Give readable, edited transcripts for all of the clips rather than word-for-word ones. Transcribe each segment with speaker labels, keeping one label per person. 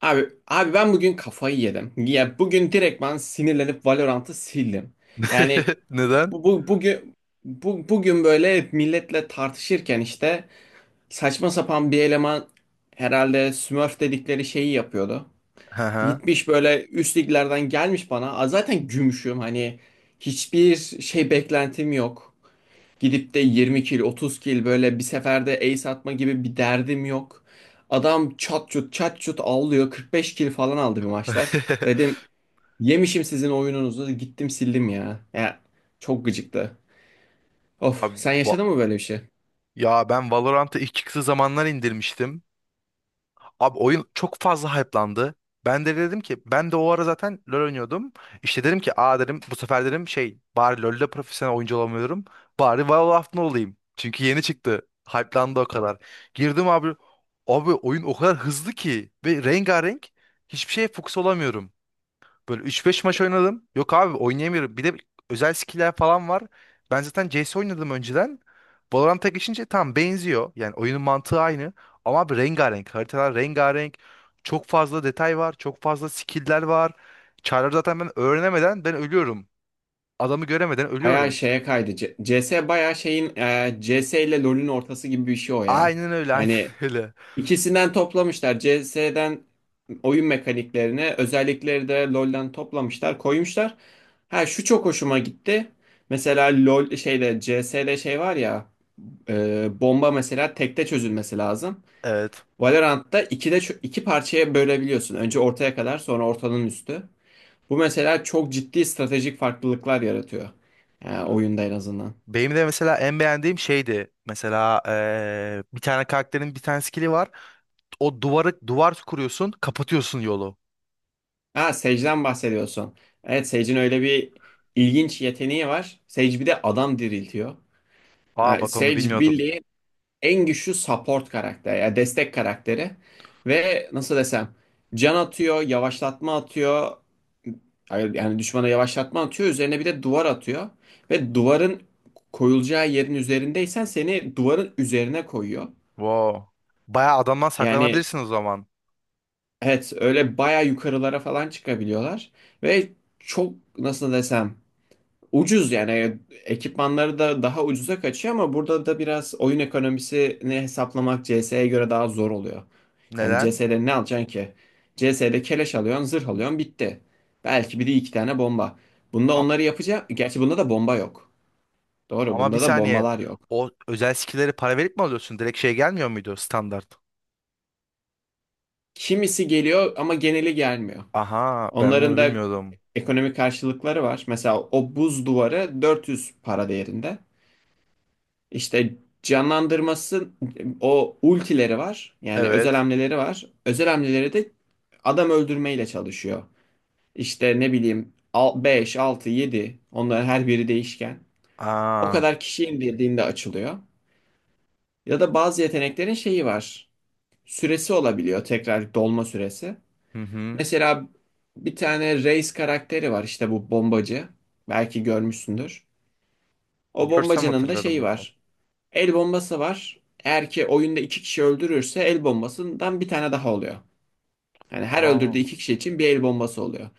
Speaker 1: Abi, ben bugün kafayı yedim. Ya bugün direkt ben sinirlenip Valorant'ı sildim. Yani
Speaker 2: Neden?
Speaker 1: bu, bu bugün bugün böyle milletle tartışırken işte saçma sapan bir eleman herhalde Smurf dedikleri şeyi yapıyordu.
Speaker 2: Hı hı.
Speaker 1: Gitmiş böyle üst liglerden gelmiş bana. "Aa, zaten gümüşüm, hani hiçbir şey beklentim yok. Gidip de 20 kill, 30 kill böyle bir seferde ace atma gibi bir derdim yok. Adam çat çut çat çut avlıyor. 45 kill falan aldı bir maçta. Dedim yemişim sizin oyununuzu. Gittim sildim ya. Ya çok gıcıktı. Of,
Speaker 2: Abi,
Speaker 1: sen yaşadın mı böyle bir şey?
Speaker 2: ya ben Valorant'ı ilk çıktığı zamanlar indirmiştim. Abi oyun çok fazla hype'landı. Ben de dedim ki ben de o ara zaten LoL oynuyordum. İşte dedim ki aa dedim bu sefer dedim şey bari LoL'de profesyonel oyuncu olamıyorum. Bari Valorant'ta olayım. Çünkü yeni çıktı. Hype'landı o kadar. Girdim abi. Abi oyun o kadar hızlı ki ve rengarenk hiçbir şeye fokus olamıyorum. Böyle üç beş maç oynadım. Yok abi oynayamıyorum. Bir de özel skill'ler falan var. Ben zaten CS oynadım önceden. Valorant'a geçince tam benziyor. Yani oyunun mantığı aynı. Ama abi rengarenk. Haritalar rengarenk. Çok fazla detay var. Çok fazla skill'ler var. Çarları zaten ben öğrenemeden ben ölüyorum. Adamı göremeden
Speaker 1: Bayağı
Speaker 2: ölüyorum.
Speaker 1: şeye kaydı. CS bayağı şeyin, C S ile LoL'ün ortası gibi bir şey o ya.
Speaker 2: Aynen öyle, aynen
Speaker 1: Hani
Speaker 2: öyle.
Speaker 1: İkisinden toplamışlar. CS'den oyun mekaniklerini, özellikleri de LoL'den toplamışlar, koymuşlar. Ha şu çok hoşuma gitti. Mesela LoL şeyde CS'de şey var ya, bomba mesela tekte çözülmesi lazım.
Speaker 2: Evet.
Speaker 1: Valorant'ta ikide iki parçaya bölebiliyorsun. Önce ortaya kadar, sonra ortanın üstü. Bu mesela çok ciddi stratejik farklılıklar yaratıyor. Yani oyunda en azından.
Speaker 2: Benim de mesela en beğendiğim şeydi. Mesela bir tane karakterin bir tane skill'i var. O duvarı duvar kuruyorsun, kapatıyorsun yolu.
Speaker 1: Ha, Sage'den bahsediyorsun. Evet, Sage'in öyle bir ilginç yeteneği var. Sage bir de adam diriltiyor.
Speaker 2: Aa
Speaker 1: Yani
Speaker 2: bak onu
Speaker 1: Sage
Speaker 2: bilmiyordum.
Speaker 1: bildiğin en güçlü support karakteri, yani destek karakteri. Ve nasıl desem, can atıyor, yavaşlatma atıyor. Hayır, yani düşmana yavaşlatma atıyor. Üzerine bir de duvar atıyor. Ve duvarın koyulacağı yerin üzerindeysen seni duvarın üzerine koyuyor.
Speaker 2: Wow. Bayağı adamdan
Speaker 1: Yani
Speaker 2: saklanabilirsin o zaman.
Speaker 1: evet, öyle baya yukarılara falan çıkabiliyorlar. Ve çok, nasıl desem, ucuz yani, ekipmanları da daha ucuza kaçıyor ama burada da biraz oyun ekonomisini hesaplamak CS'ye göre daha zor oluyor. Yani
Speaker 2: Neden?
Speaker 1: CS'de ne alacaksın ki? CS'de keleş alıyorsun, zırh alıyorsun, bitti. Belki biri iki tane bomba. Bunda
Speaker 2: A-
Speaker 1: onları yapacak. Gerçi bunda da bomba yok. Doğru,
Speaker 2: Ama bir
Speaker 1: bunda da
Speaker 2: saniye.
Speaker 1: bombalar yok.
Speaker 2: O özel skill'leri para verip mi alıyorsun? Direkt şey gelmiyor muydu standart?
Speaker 1: Kimisi geliyor ama geneli gelmiyor.
Speaker 2: Aha ben
Speaker 1: Onların
Speaker 2: onu
Speaker 1: da
Speaker 2: bilmiyordum.
Speaker 1: ekonomik karşılıkları var. Mesela o buz duvarı 400 para değerinde. İşte canlandırması, o ultileri var. Yani özel
Speaker 2: Evet.
Speaker 1: hamleleri var. Özel hamleleri de adam öldürmeyle çalışıyor. İşte ne bileyim, 5 6 yedi, onların her biri değişken. O
Speaker 2: Aa.
Speaker 1: kadar kişi indirdiğinde açılıyor. Ya da bazı yeteneklerin şeyi var. Süresi olabiliyor, tekrar dolma süresi.
Speaker 2: Hı hı.
Speaker 1: Mesela bir tane Reis karakteri var, işte bu bombacı. Belki görmüşsündür. O
Speaker 2: Görsem
Speaker 1: bombacının da
Speaker 2: hatırlarım
Speaker 1: şeyi
Speaker 2: muhtemelen.
Speaker 1: var. El bombası var. Eğer ki oyunda 2 kişi öldürürse el bombasından bir tane daha oluyor. Yani her öldürdüğü
Speaker 2: Aa.
Speaker 1: 2 kişi için bir el bombası oluyor.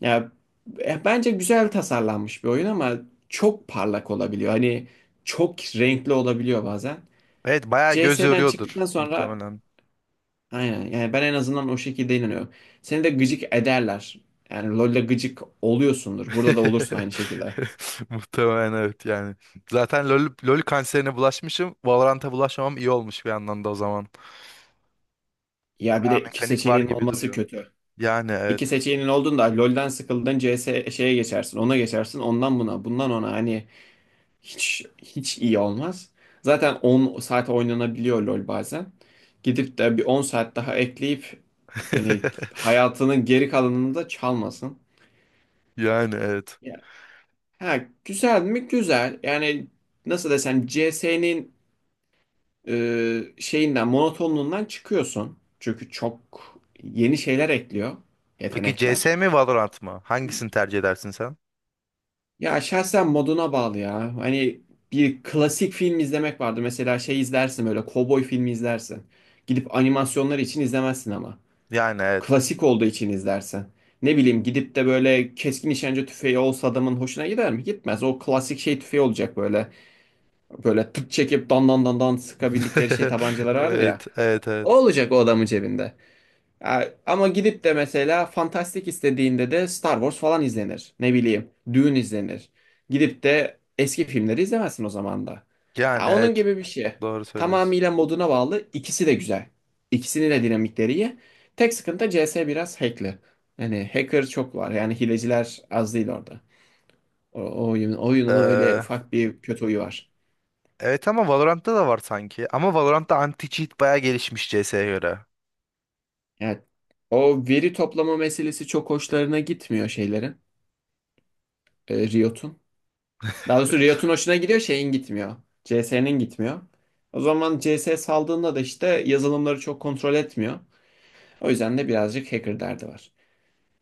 Speaker 1: Ya, bence güzel tasarlanmış bir oyun ama çok parlak olabiliyor. Hani çok renkli olabiliyor bazen.
Speaker 2: Evet bayağı göz
Speaker 1: CS'den
Speaker 2: yoruyordur
Speaker 1: çıktıktan sonra
Speaker 2: muhtemelen.
Speaker 1: aynen, yani ben en azından o şekilde inanıyorum. Seni de gıcık ederler. Yani LoL'de gıcık oluyorsundur. Burada da olursun aynı şekilde.
Speaker 2: Muhtemelen evet yani. Zaten LoL kanserine bulaşmışım. Valorant'a bulaşmamam iyi olmuş bir yandan da o zaman.
Speaker 1: Ya bir
Speaker 2: Bayağı
Speaker 1: de iki
Speaker 2: mekanik var
Speaker 1: seçeneğin
Speaker 2: gibi
Speaker 1: olması
Speaker 2: duruyor.
Speaker 1: kötü.
Speaker 2: Yani
Speaker 1: İki
Speaker 2: evet.
Speaker 1: seçeneğin olduğunda LoL'den sıkıldın, CS şeye geçersin. Ona geçersin. Ondan buna, bundan ona, hani hiç iyi olmaz. Zaten 10 saat oynanabiliyor LoL bazen. Gidip de bir 10 saat daha ekleyip hani hayatının geri kalanını da çalmasın.
Speaker 2: Yani evet.
Speaker 1: Ya, ha, güzel mi? Güzel. Yani nasıl desem, CS'nin şeyinden, monotonluğundan çıkıyorsun. Çünkü çok yeni şeyler ekliyor,
Speaker 2: Peki CS
Speaker 1: yetenekler.
Speaker 2: mi Valorant mı? Hangisini tercih edersin sen?
Speaker 1: Ya şahsen moduna bağlı ya. Hani bir klasik film izlemek vardır. Mesela şey izlersin, böyle kovboy filmi izlersin. Gidip animasyonlar için izlemezsin ama.
Speaker 2: Yani evet.
Speaker 1: Klasik olduğu için izlersin. Ne bileyim, gidip de böyle keskin nişancı tüfeği olsa adamın hoşuna gider mi? Gitmez. O klasik şey tüfeği olacak böyle. Böyle tık çekip dan dan dan dan sıkabildikleri şey tabancaları vardır ya.
Speaker 2: Evet, evet, evet.
Speaker 1: O olacak o adamın cebinde. Ya, ama gidip de mesela fantastik istediğinde de Star Wars falan izlenir. Ne bileyim, Dune izlenir. Gidip de eski filmleri izlemezsin o zaman da.
Speaker 2: Yani
Speaker 1: Ya, onun
Speaker 2: evet.
Speaker 1: gibi bir şey.
Speaker 2: Doğru söylüyorsun.
Speaker 1: Tamamıyla moduna bağlı. İkisi de güzel. İkisinin de dinamikleri iyi. Tek sıkıntı, CS biraz hackli. Yani hacker çok var. Yani hileciler az değil orada. Oyunun öyle
Speaker 2: Ee,
Speaker 1: ufak bir kötü huyu var.
Speaker 2: evet ama Valorant'ta da var sanki. Ama Valorant'ta anti-cheat bayağı gelişmiş CS'ye göre.
Speaker 1: Yani o veri toplama meselesi çok hoşlarına gitmiyor şeylerin. Riot'un. Daha doğrusu Riot'un hoşuna gidiyor, şeyin gitmiyor. CS'nin gitmiyor. O zaman CS saldığında da işte yazılımları çok kontrol etmiyor. O yüzden de birazcık hacker derdi var.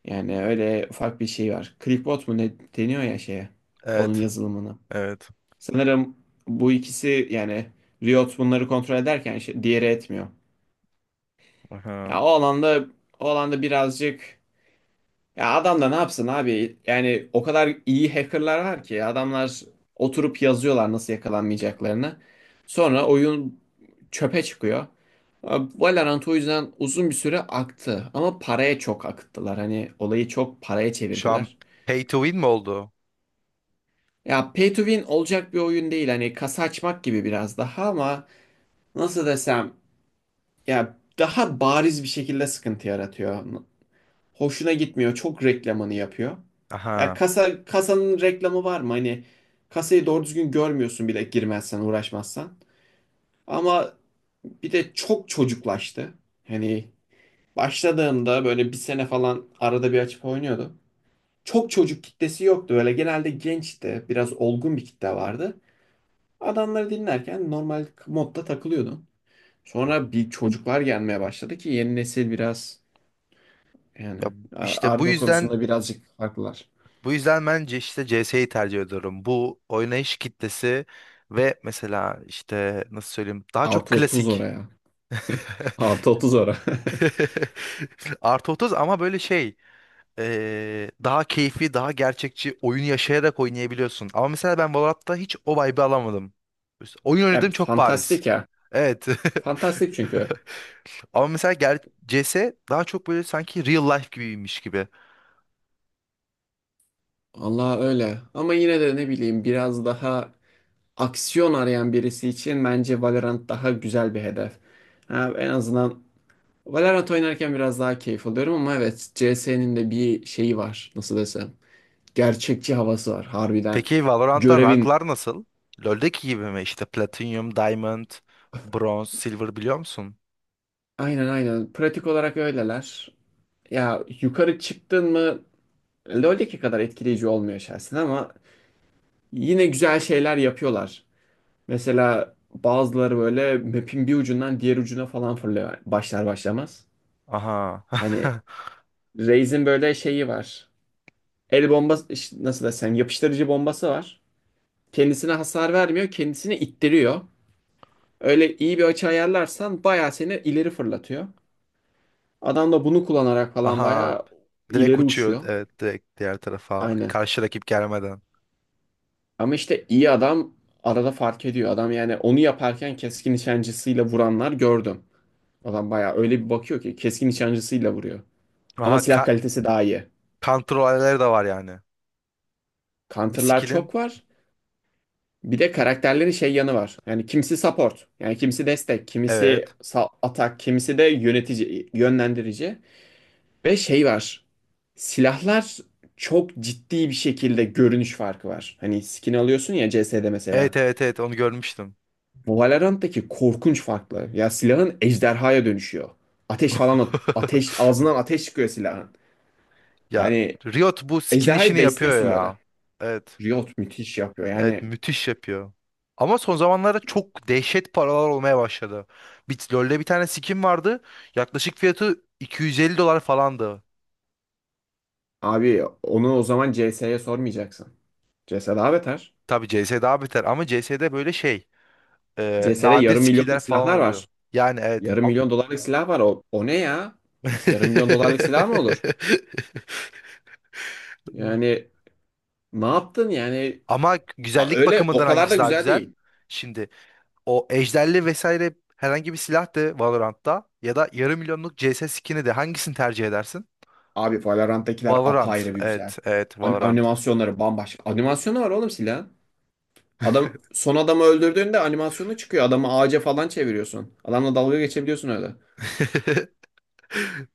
Speaker 1: Yani öyle ufak bir şey var. Clickbot mu ne deniyor ya şeye? Onun
Speaker 2: Evet,
Speaker 1: yazılımına.
Speaker 2: evet.
Speaker 1: Sanırım bu ikisi yani, Riot bunları kontrol ederken şey- diğeri etmiyor.
Speaker 2: Aha.
Speaker 1: Ya, o alanda birazcık. Ya adam da ne yapsın abi? Yani o kadar iyi hackerlar var ki adamlar oturup yazıyorlar nasıl yakalanmayacaklarını. Sonra oyun çöpe çıkıyor. Valorant o yüzden uzun bir süre aktı ama paraya çok akıttılar. Hani olayı çok paraya
Speaker 2: Şu an
Speaker 1: çevirdiler.
Speaker 2: pay to win mi oldu?
Speaker 1: Ya, pay to win olacak bir oyun değil. Hani kasa açmak gibi biraz daha, ama nasıl desem, ya daha bariz bir şekilde sıkıntı yaratıyor. Hoşuna gitmiyor. Çok reklamını yapıyor. Ya
Speaker 2: Aha.
Speaker 1: kasanın reklamı var mı? Hani kasayı doğru düzgün görmüyorsun bile, girmezsen, uğraşmazsan. Ama bir de çok çocuklaştı. Hani başladığımda böyle bir sene falan arada bir açıp oynuyordum. Çok çocuk kitlesi yoktu. Böyle genelde gençti. Biraz olgun bir kitle vardı. Adamları dinlerken normal modda takılıyordum. Sonra bir çocuklar gelmeye başladı ki, yeni nesil biraz,
Speaker 2: Ya
Speaker 1: yani
Speaker 2: işte bu
Speaker 1: argo
Speaker 2: yüzden
Speaker 1: konusunda birazcık farklılar.
Speaker 2: Bu yüzden bence işte CS'yi tercih ediyorum. Bu oynayış kitlesi ve mesela işte nasıl söyleyeyim daha çok
Speaker 1: Artı 30
Speaker 2: klasik.
Speaker 1: oraya. Artı 30 oraya.
Speaker 2: Artı 30 ama böyle şey daha keyfi daha gerçekçi oyunu yaşayarak oynayabiliyorsun. Ama mesela ben Valorant'ta hiç o vibe'ı alamadım. Oyun
Speaker 1: Ya
Speaker 2: oynadığım çok bariz.
Speaker 1: fantastik ya.
Speaker 2: Evet.
Speaker 1: Fantastik çünkü.
Speaker 2: Ama mesela CS daha çok böyle sanki real life gibiymiş gibi.
Speaker 1: Allah öyle. Ama yine de ne bileyim biraz daha aksiyon arayan birisi için bence Valorant daha güzel bir hedef. Ha, en azından Valorant oynarken biraz daha keyif alıyorum, ama evet CS'nin de bir şeyi var. Nasıl desem. Gerçekçi havası var harbiden.
Speaker 2: Peki Valorant'ta
Speaker 1: Görevin.
Speaker 2: ranklar nasıl? LoL'deki gibi mi? İşte Platinum, Diamond, Bronze, Silver biliyor musun?
Speaker 1: Aynen aynen. Pratik olarak öyleler. Ya yukarı çıktın mı LoL'deki kadar etkileyici olmuyor şahsen ama yine güzel şeyler yapıyorlar. Mesela bazıları böyle map'in bir ucundan diğer ucuna falan fırlıyor başlar başlamaz.
Speaker 2: Aha.
Speaker 1: Hani Raze'in böyle şeyi var. El bombası, nasıl desem, yapıştırıcı bombası var. Kendisine hasar vermiyor, kendisini ittiriyor. Öyle iyi bir açı ayarlarsan bayağı seni ileri fırlatıyor. Adam da bunu kullanarak falan
Speaker 2: Aha.
Speaker 1: bayağı
Speaker 2: Direkt
Speaker 1: ileri
Speaker 2: uçuyor.
Speaker 1: uçuyor.
Speaker 2: Evet direkt diğer tarafa.
Speaker 1: Aynen.
Speaker 2: Karşı rakip gelmeden.
Speaker 1: Ama işte iyi adam arada fark ediyor. Adam yani onu yaparken keskin nişancısıyla vuranlar gördüm. Adam bayağı öyle bir bakıyor ki keskin nişancısıyla vuruyor.
Speaker 2: Aha
Speaker 1: Ama silah kalitesi daha iyi.
Speaker 2: kontrollerleri de var yani. Bir
Speaker 1: Counter'lar
Speaker 2: skill'in.
Speaker 1: çok var. Bir de karakterlerin şey yanı var. Yani kimisi support, yani kimisi destek, kimisi
Speaker 2: Evet.
Speaker 1: atak, kimisi de yönetici, yönlendirici. Ve şey var. Silahlar çok ciddi bir şekilde görünüş farkı var. Hani skin alıyorsun ya CS'de mesela.
Speaker 2: Evet evet evet onu görmüştüm.
Speaker 1: Bu Valorant'taki korkunç farklı. Ya silahın ejderhaya dönüşüyor. Ateş falan ateş, ağzından ateş çıkıyor silahın.
Speaker 2: Ya
Speaker 1: Hani
Speaker 2: Riot bu skin
Speaker 1: ejderhayı
Speaker 2: işini yapıyor
Speaker 1: besliyorsun böyle.
Speaker 2: ya. Evet.
Speaker 1: Riot müthiş yapıyor.
Speaker 2: Evet
Speaker 1: Yani
Speaker 2: müthiş yapıyor. Ama son zamanlarda çok dehşet paralar olmaya başladı. Bit LoL'de bir tane skin vardı. Yaklaşık fiyatı $250 falandı.
Speaker 1: abi onu o zaman CS'ye sormayacaksın. CS daha beter.
Speaker 2: Tabii CS daha beter ama CS'de böyle şey
Speaker 1: CS'de
Speaker 2: nadir
Speaker 1: yarım
Speaker 2: skinler
Speaker 1: milyonluk
Speaker 2: falan
Speaker 1: silahlar
Speaker 2: oluyor.
Speaker 1: var.
Speaker 2: Yani evet.
Speaker 1: Yarım milyon dolarlık silah var. O, o ne ya? Yarım milyon dolarlık silah mı olur? Yani ne yaptın yani?
Speaker 2: Ama güzellik
Speaker 1: Öyle o
Speaker 2: bakımından
Speaker 1: kadar da
Speaker 2: hangisi daha
Speaker 1: güzel
Speaker 2: güzel?
Speaker 1: değil.
Speaker 2: Şimdi o ejderli vesaire herhangi bir silah de Valorant'ta ya da yarım milyonluk CS skin'i de hangisini tercih edersin?
Speaker 1: Abi, Valorant'takiler
Speaker 2: Valorant.
Speaker 1: apayrı bir güzel.
Speaker 2: Evet, evet
Speaker 1: An-
Speaker 2: Valorant.
Speaker 1: animasyonları bambaşka. Animasyonu var oğlum silahın. Adam son adamı öldürdüğünde animasyonu çıkıyor. Adamı ağaca falan çeviriyorsun. Adamla dalga geçebiliyorsun öyle.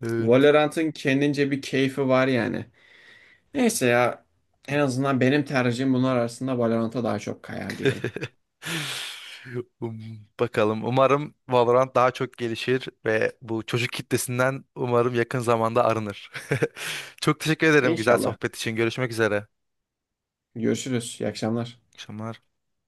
Speaker 2: Evet.
Speaker 1: Valorant'ın kendince bir keyfi var yani. Neyse ya, en azından benim tercihim bunlar arasında Valorant'a daha çok kayar diyelim.
Speaker 2: Um, Bakalım. Umarım Valorant daha çok gelişir ve bu çocuk kitlesinden umarım yakın zamanda arınır. Çok teşekkür ederim güzel
Speaker 1: İnşallah.
Speaker 2: sohbet için. Görüşmek üzere.
Speaker 1: Görüşürüz. İyi akşamlar.
Speaker 2: İyi akşamlar.